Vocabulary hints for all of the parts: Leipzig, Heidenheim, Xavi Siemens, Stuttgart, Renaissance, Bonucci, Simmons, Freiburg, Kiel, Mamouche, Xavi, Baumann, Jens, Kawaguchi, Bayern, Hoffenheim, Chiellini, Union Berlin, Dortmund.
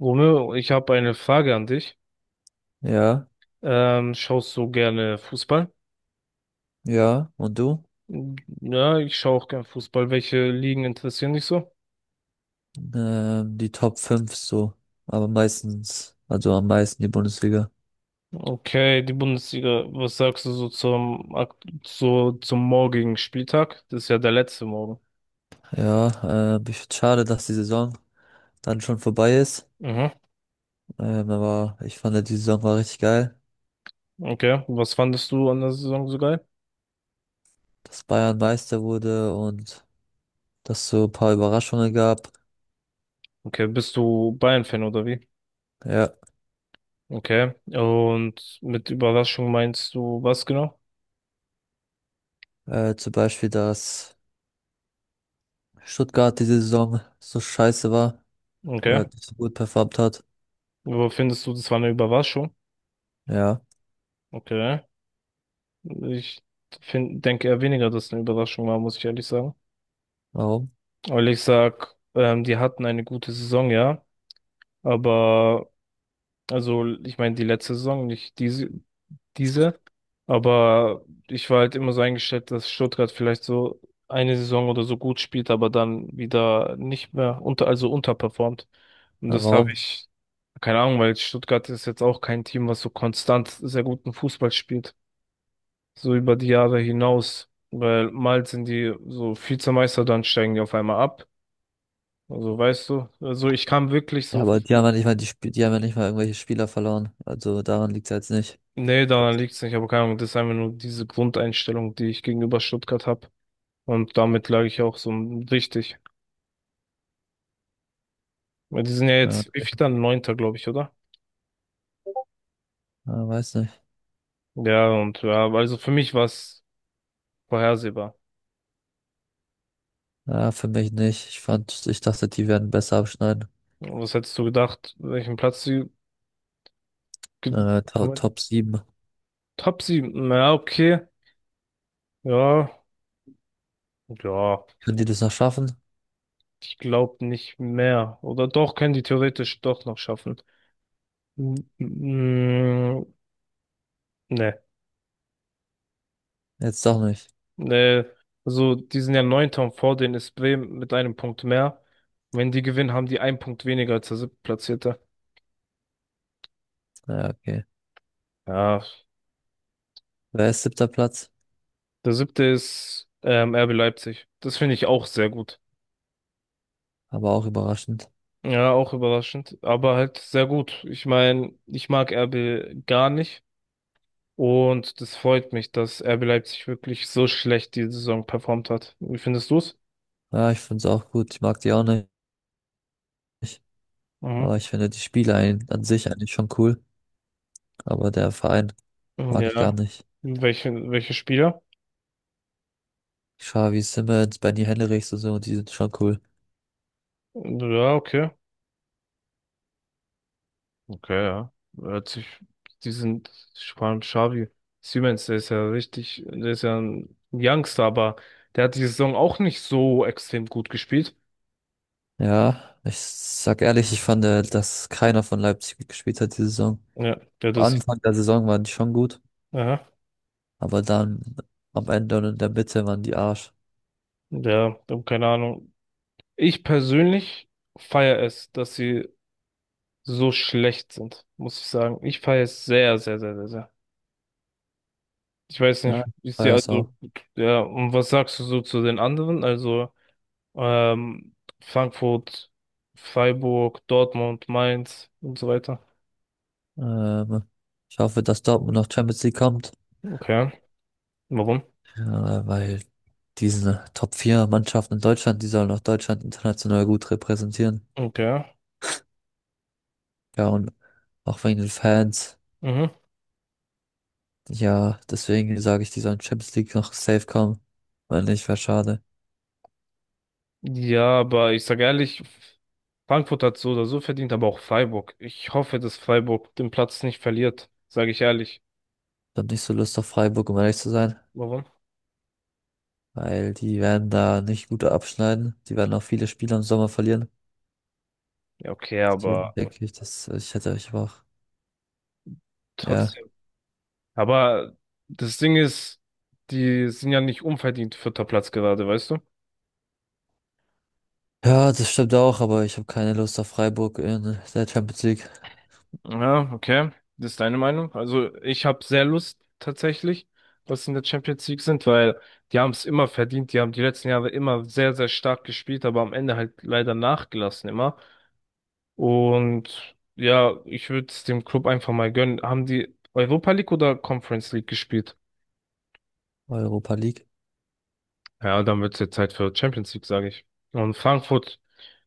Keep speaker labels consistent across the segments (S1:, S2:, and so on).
S1: Romeo, ich habe eine Frage an dich.
S2: Ja,
S1: Schaust du gerne Fußball?
S2: ja. Und du?
S1: Ja, ich schaue auch gerne Fußball. Welche Ligen interessieren dich so?
S2: Die Top 5 so. Aber meistens, also am meisten die Bundesliga.
S1: Okay, die Bundesliga. Was sagst du so zum morgigen Spieltag? Das ist ja der letzte Morgen.
S2: Ja, ich find's schade, dass die Saison dann schon vorbei ist.
S1: Mhm.
S2: Aber ich fand, ja, die Saison war richtig geil,
S1: Okay. Was fandest du an der Saison so geil?
S2: dass Bayern Meister wurde und dass so ein paar Überraschungen gab.
S1: Okay, bist du Bayern-Fan oder wie?
S2: Ja,
S1: Okay. Und mit Überraschung meinst du was genau?
S2: zum Beispiel, dass Stuttgart diese Saison so scheiße war oder
S1: Okay.
S2: halt nicht so gut performt hat.
S1: Wo findest du, das war eine Überraschung?
S2: Ja,
S1: Okay. Ich denke eher weniger, dass es eine Überraschung war, muss ich ehrlich sagen.
S2: warum?
S1: Weil ich sag, die hatten eine gute Saison, ja. Aber, also, ich meine, die letzte Saison, nicht diese. Aber ich war halt immer so eingestellt, dass Stuttgart vielleicht so eine Saison oder so gut spielt, aber dann wieder nicht mehr also unterperformt. Und
S2: Aber warum?
S1: keine Ahnung, weil Stuttgart ist jetzt auch kein Team, was so konstant sehr guten Fußball spielt, so über die Jahre hinaus, weil mal sind die so Vizemeister, dann steigen die auf einmal ab. Also weißt du, also ich kam wirklich
S2: Ja,
S1: so,
S2: aber die haben ja nicht mal irgendwelche Spieler verloren. Also daran liegt es jetzt nicht.
S1: nee,
S2: Glaub,
S1: daran liegt's nicht, aber keine Ahnung, das ist einfach nur diese Grundeinstellung, die ich gegenüber Stuttgart habe. Und damit lag ich auch so richtig. Weil die sind ja
S2: ja,
S1: jetzt, wie viel dann? Neunter, glaube ich, oder?
S2: ja, weiß nicht.
S1: Ja, und ja, also für mich war's vorhersehbar.
S2: Ja, für mich nicht. Ich dachte, die werden besser abschneiden.
S1: Was hättest du gedacht, welchen Platz sie ge-
S2: To
S1: kommen hätten?
S2: Top sieben.
S1: Top sieben, na okay, ja, ja.
S2: Können die das noch schaffen?
S1: Ich glaube nicht mehr. Oder doch, können die theoretisch doch noch schaffen. M- m- Nee,
S2: Jetzt doch nicht.
S1: nee. Also, die sind ja neunter und vor denen ist Bremen mit einem Punkt mehr. Wenn die gewinnen, haben die einen Punkt weniger als der siebtplatzierte.
S2: Ja, okay.
S1: Ja,
S2: Wer ist siebter Platz?
S1: der siebte ist RB Leipzig. Das finde ich auch sehr gut.
S2: Aber auch überraschend.
S1: Ja, auch überraschend, aber halt sehr gut. Ich meine, ich mag RB gar nicht und das freut mich, dass RB Leipzig wirklich so schlecht die Saison performt hat. Wie findest du's?
S2: Ja, ich finde es auch gut. Ich mag die auch nicht.
S1: Mhm.
S2: Aber ich finde die Spieler an sich eigentlich schon cool. Aber der Verein mag ich gar
S1: Ja.
S2: nicht.
S1: Welche Spieler?
S2: Xavi, Simmons, Benny Henrichs und so, die sind schon cool.
S1: Ja, okay. Okay, ja. Hört sich, die sind, vor allem Xavi Siemens, der ist ja ein Youngster, aber der hat die Saison auch nicht so extrem gut gespielt.
S2: Ja, ich sag ehrlich, ich fand, dass keiner von Leipzig gut gespielt hat diese Saison.
S1: Ja, der
S2: Am
S1: das,
S2: Anfang der Saison waren die schon gut,
S1: ja,
S2: aber dann am Ende und in der Mitte waren die Arsch.
S1: der, keine Ahnung. Ich persönlich feiere es, dass sie so schlecht sind, muss ich sagen. Ich feiere es sehr, sehr, sehr, sehr, sehr. Ich weiß nicht,
S2: Ja,
S1: ich
S2: war
S1: sehe
S2: es
S1: also,
S2: auch.
S1: ja, und was sagst du so zu den anderen? Also, Ähm, Frankfurt, Freiburg, Dortmund, Mainz und so weiter.
S2: Ähm, ich hoffe, dass Dortmund noch Champions League kommt,
S1: Okay. Warum?
S2: ja, weil diese top vier Mannschaften in Deutschland die sollen auch Deutschland international gut repräsentieren
S1: Okay.
S2: Ja, und auch wegen den Fans.
S1: Mhm.
S2: Ja, deswegen sage ich, die sollen Champions League noch safe kommen. Weil nicht, wäre schade.
S1: Ja, aber ich sage ehrlich, Frankfurt hat so oder so verdient, aber auch Freiburg. Ich hoffe, dass Freiburg den Platz nicht verliert, sage ich ehrlich.
S2: Ich hab nicht so Lust auf Freiburg, um ehrlich zu sein.
S1: Warum?
S2: Weil die werden da nicht gut abschneiden. Die werden auch viele Spiele im Sommer verlieren.
S1: Ja, okay,
S2: Deswegen
S1: aber
S2: denke ich, dass also ich hätte euch auch. Ja.
S1: trotzdem. Aber das Ding ist, die sind ja nicht unverdient vierter Platz gerade, weißt du?
S2: Ja, das stimmt auch, aber ich habe keine Lust auf Freiburg in der Champions League,
S1: Ja, okay. Das ist deine Meinung. Also ich habe sehr Lust tatsächlich, dass sie in der Champions League sind, weil die haben es immer verdient. Die haben die letzten Jahre immer sehr, sehr stark gespielt, aber am Ende halt leider nachgelassen immer. Und ja, ich würde es dem Club einfach mal gönnen. Haben die Europa League oder Conference League gespielt?
S2: Europa League.
S1: Ja, dann wird es jetzt Zeit für Champions League, sage ich. Und Frankfurt,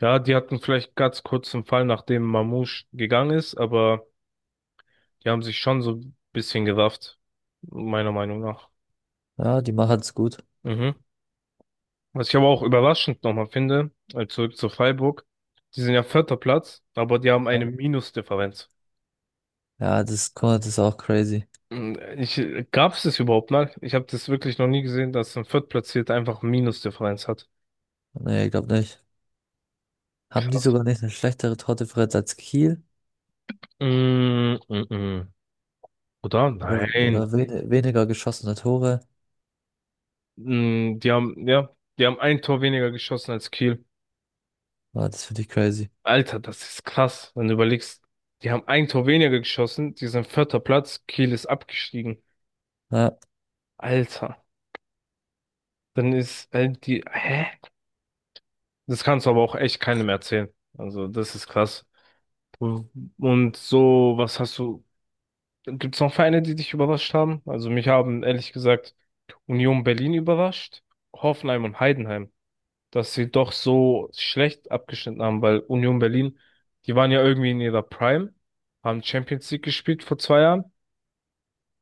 S1: ja, die hatten vielleicht ganz kurz einen Fall, nachdem Mamouche gegangen ist, aber die haben sich schon so ein bisschen gerafft, meiner Meinung nach.
S2: Ja, die machen es gut.
S1: Mhm. Was ich aber auch überraschend nochmal finde, zurück zu Freiburg, die sind ja vierter Platz, aber die haben eine
S2: Ja,
S1: Minusdifferenz.
S2: ja, guck mal, das ist auch crazy.
S1: Mm, Ich, gab es das überhaupt mal? Ich habe das wirklich noch nie gesehen, dass ein Viertplatzierter einfach Minusdifferenz hat.
S2: Nee, ich glaube nicht. Haben die
S1: Krass.
S2: sogar nicht eine schlechtere Tordifferenz als Kiel?
S1: Mm, mm, mm. Oder?
S2: Oder,
S1: Nein.
S2: oder wen weniger geschossene Tore?
S1: Mm, die haben, ja, die haben ein Tor weniger geschossen als Kiel.
S2: Ja, das finde ich crazy.
S1: Alter, das ist krass, wenn du überlegst. Die haben ein Tor weniger geschossen, die sind vierter Platz, Kiel ist abgestiegen.
S2: Ja.
S1: Alter, dann hä? Das kannst du aber auch echt keinem erzählen. Also, das ist krass. Und so, was hast du? Gibt es noch Vereine, die dich überrascht haben? Also, mich haben ehrlich gesagt Union Berlin überrascht, Hoffenheim und Heidenheim, dass sie doch so schlecht abgeschnitten haben, weil Union Berlin, die waren ja irgendwie in ihrer Prime, haben Champions League gespielt vor 2 Jahren.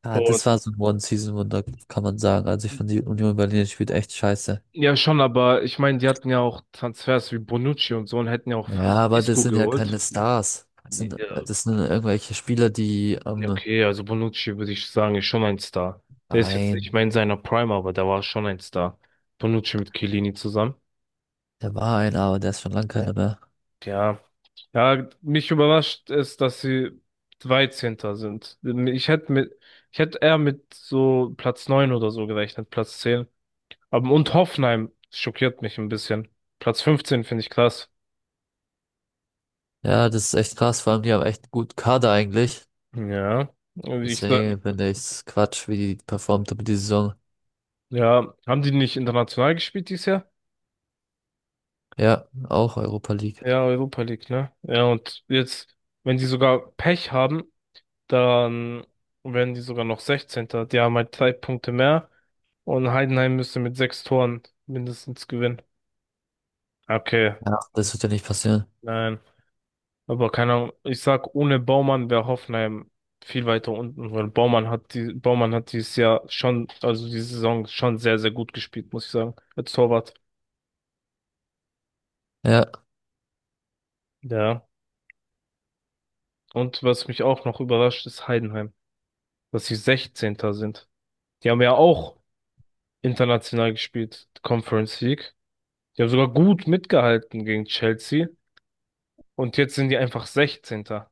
S2: Ja,
S1: Und
S2: das war so ein One-Season-Wunder, kann man sagen. Also ich finde, die Union Berlin spielt echt scheiße.
S1: ja, schon, aber ich meine, die hatten ja auch Transfers wie Bonucci und so und hätten ja auch
S2: Ja,
S1: fast
S2: aber das
S1: Isco
S2: sind ja keine
S1: geholt.
S2: Stars. Das sind,
S1: Ja.
S2: äh, das sind irgendwelche Spieler, die
S1: Ja, okay, also Bonucci würde ich sagen, ist schon ein Star. Der ist jetzt
S2: ein,
S1: nicht mehr in seiner Prime, aber der war schon ein Star. Bonucci mit Chiellini zusammen.
S2: der war einer, aber der ist schon lange keiner mehr.
S1: Ja. Ja, mich überrascht es, dass sie 13. sind. Ich hätte mit, ich hätte eher mit so Platz 9 oder so gerechnet, Platz 10. Aber und Hoffenheim schockiert mich ein bisschen. Platz 15 finde ich krass.
S2: Ja, das ist echt krass, vor allem die haben echt gut Kader eigentlich.
S1: Ja. Ich, sa-
S2: Deswegen finde ich's Quatsch, wie die performt haben die Saison.
S1: ja, haben die nicht international gespielt dieses Jahr?
S2: Ja, auch Europa League.
S1: Ja, Europa League, ne? Ja, und jetzt, wenn die sogar Pech haben, dann werden die sogar noch sechzehnter. Die haben halt 3 Punkte mehr und Heidenheim müsste mit 6 Toren mindestens gewinnen. Okay,
S2: Ja, das wird ja nicht passieren.
S1: nein. Aber keine Ahnung, ich sag, ohne Baumann wäre Hoffenheim viel weiter unten, weil Baumann hat dieses Jahr schon, also die Saison schon sehr, sehr gut gespielt, muss ich sagen, als Torwart.
S2: Ja.
S1: Ja. Und was mich auch noch überrascht, ist Heidenheim, dass sie sechzehnter sind. Die haben ja auch international gespielt, Conference League. Die haben sogar gut mitgehalten gegen Chelsea. Und jetzt sind die einfach 16.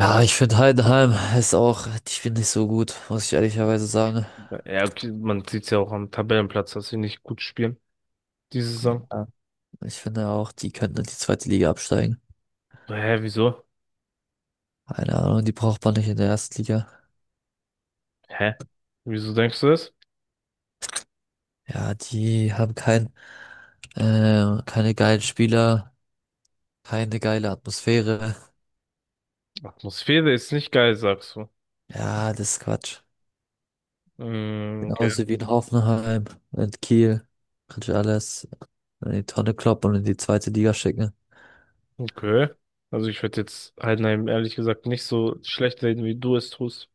S2: Ja, ich finde, Heidenheim ist auch, die spielen nicht so gut, muss ich ehrlicherweise sagen.
S1: Ja, okay, man sieht es ja auch am Tabellenplatz, dass sie nicht gut spielen diese Saison.
S2: Ja. Ich finde auch, die könnten in die zweite Liga absteigen.
S1: Hä, wieso?
S2: Keine Ahnung, die braucht man nicht in der ersten Liga.
S1: Hä? Wieso denkst du das?
S2: Ja, die haben keine geilen Spieler, keine geile Atmosphäre.
S1: Atmosphäre ist nicht geil, sagst du.
S2: Ja, das ist Quatsch.
S1: Mm, okay.
S2: Genauso wie in Hoffenheim und Kiel. Kannst du alles in die Tonne kloppen und in die zweite Liga schicken.
S1: Okay. Also ich würde jetzt Heidenheim ehrlich gesagt nicht so schlecht reden, wie du es tust.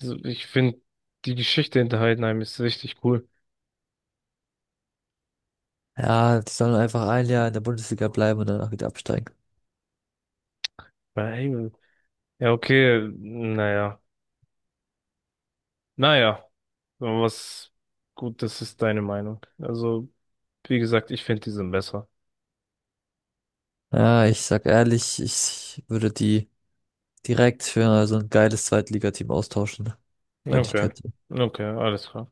S1: Also ich finde, die Geschichte hinter Heidenheim ist richtig cool.
S2: Ja, die sollen einfach ein Jahr in der Bundesliga bleiben und danach wieder absteigen.
S1: Weil, ja, okay, naja. Naja, aber das ist deine Meinung. Also, wie gesagt, ich finde die sind besser.
S2: Ja, ich sag ehrlich, ich würde die direkt für so ein geiles Zweitligateam austauschen, wenn ich
S1: Okay,
S2: könnte.
S1: okay, alles klar.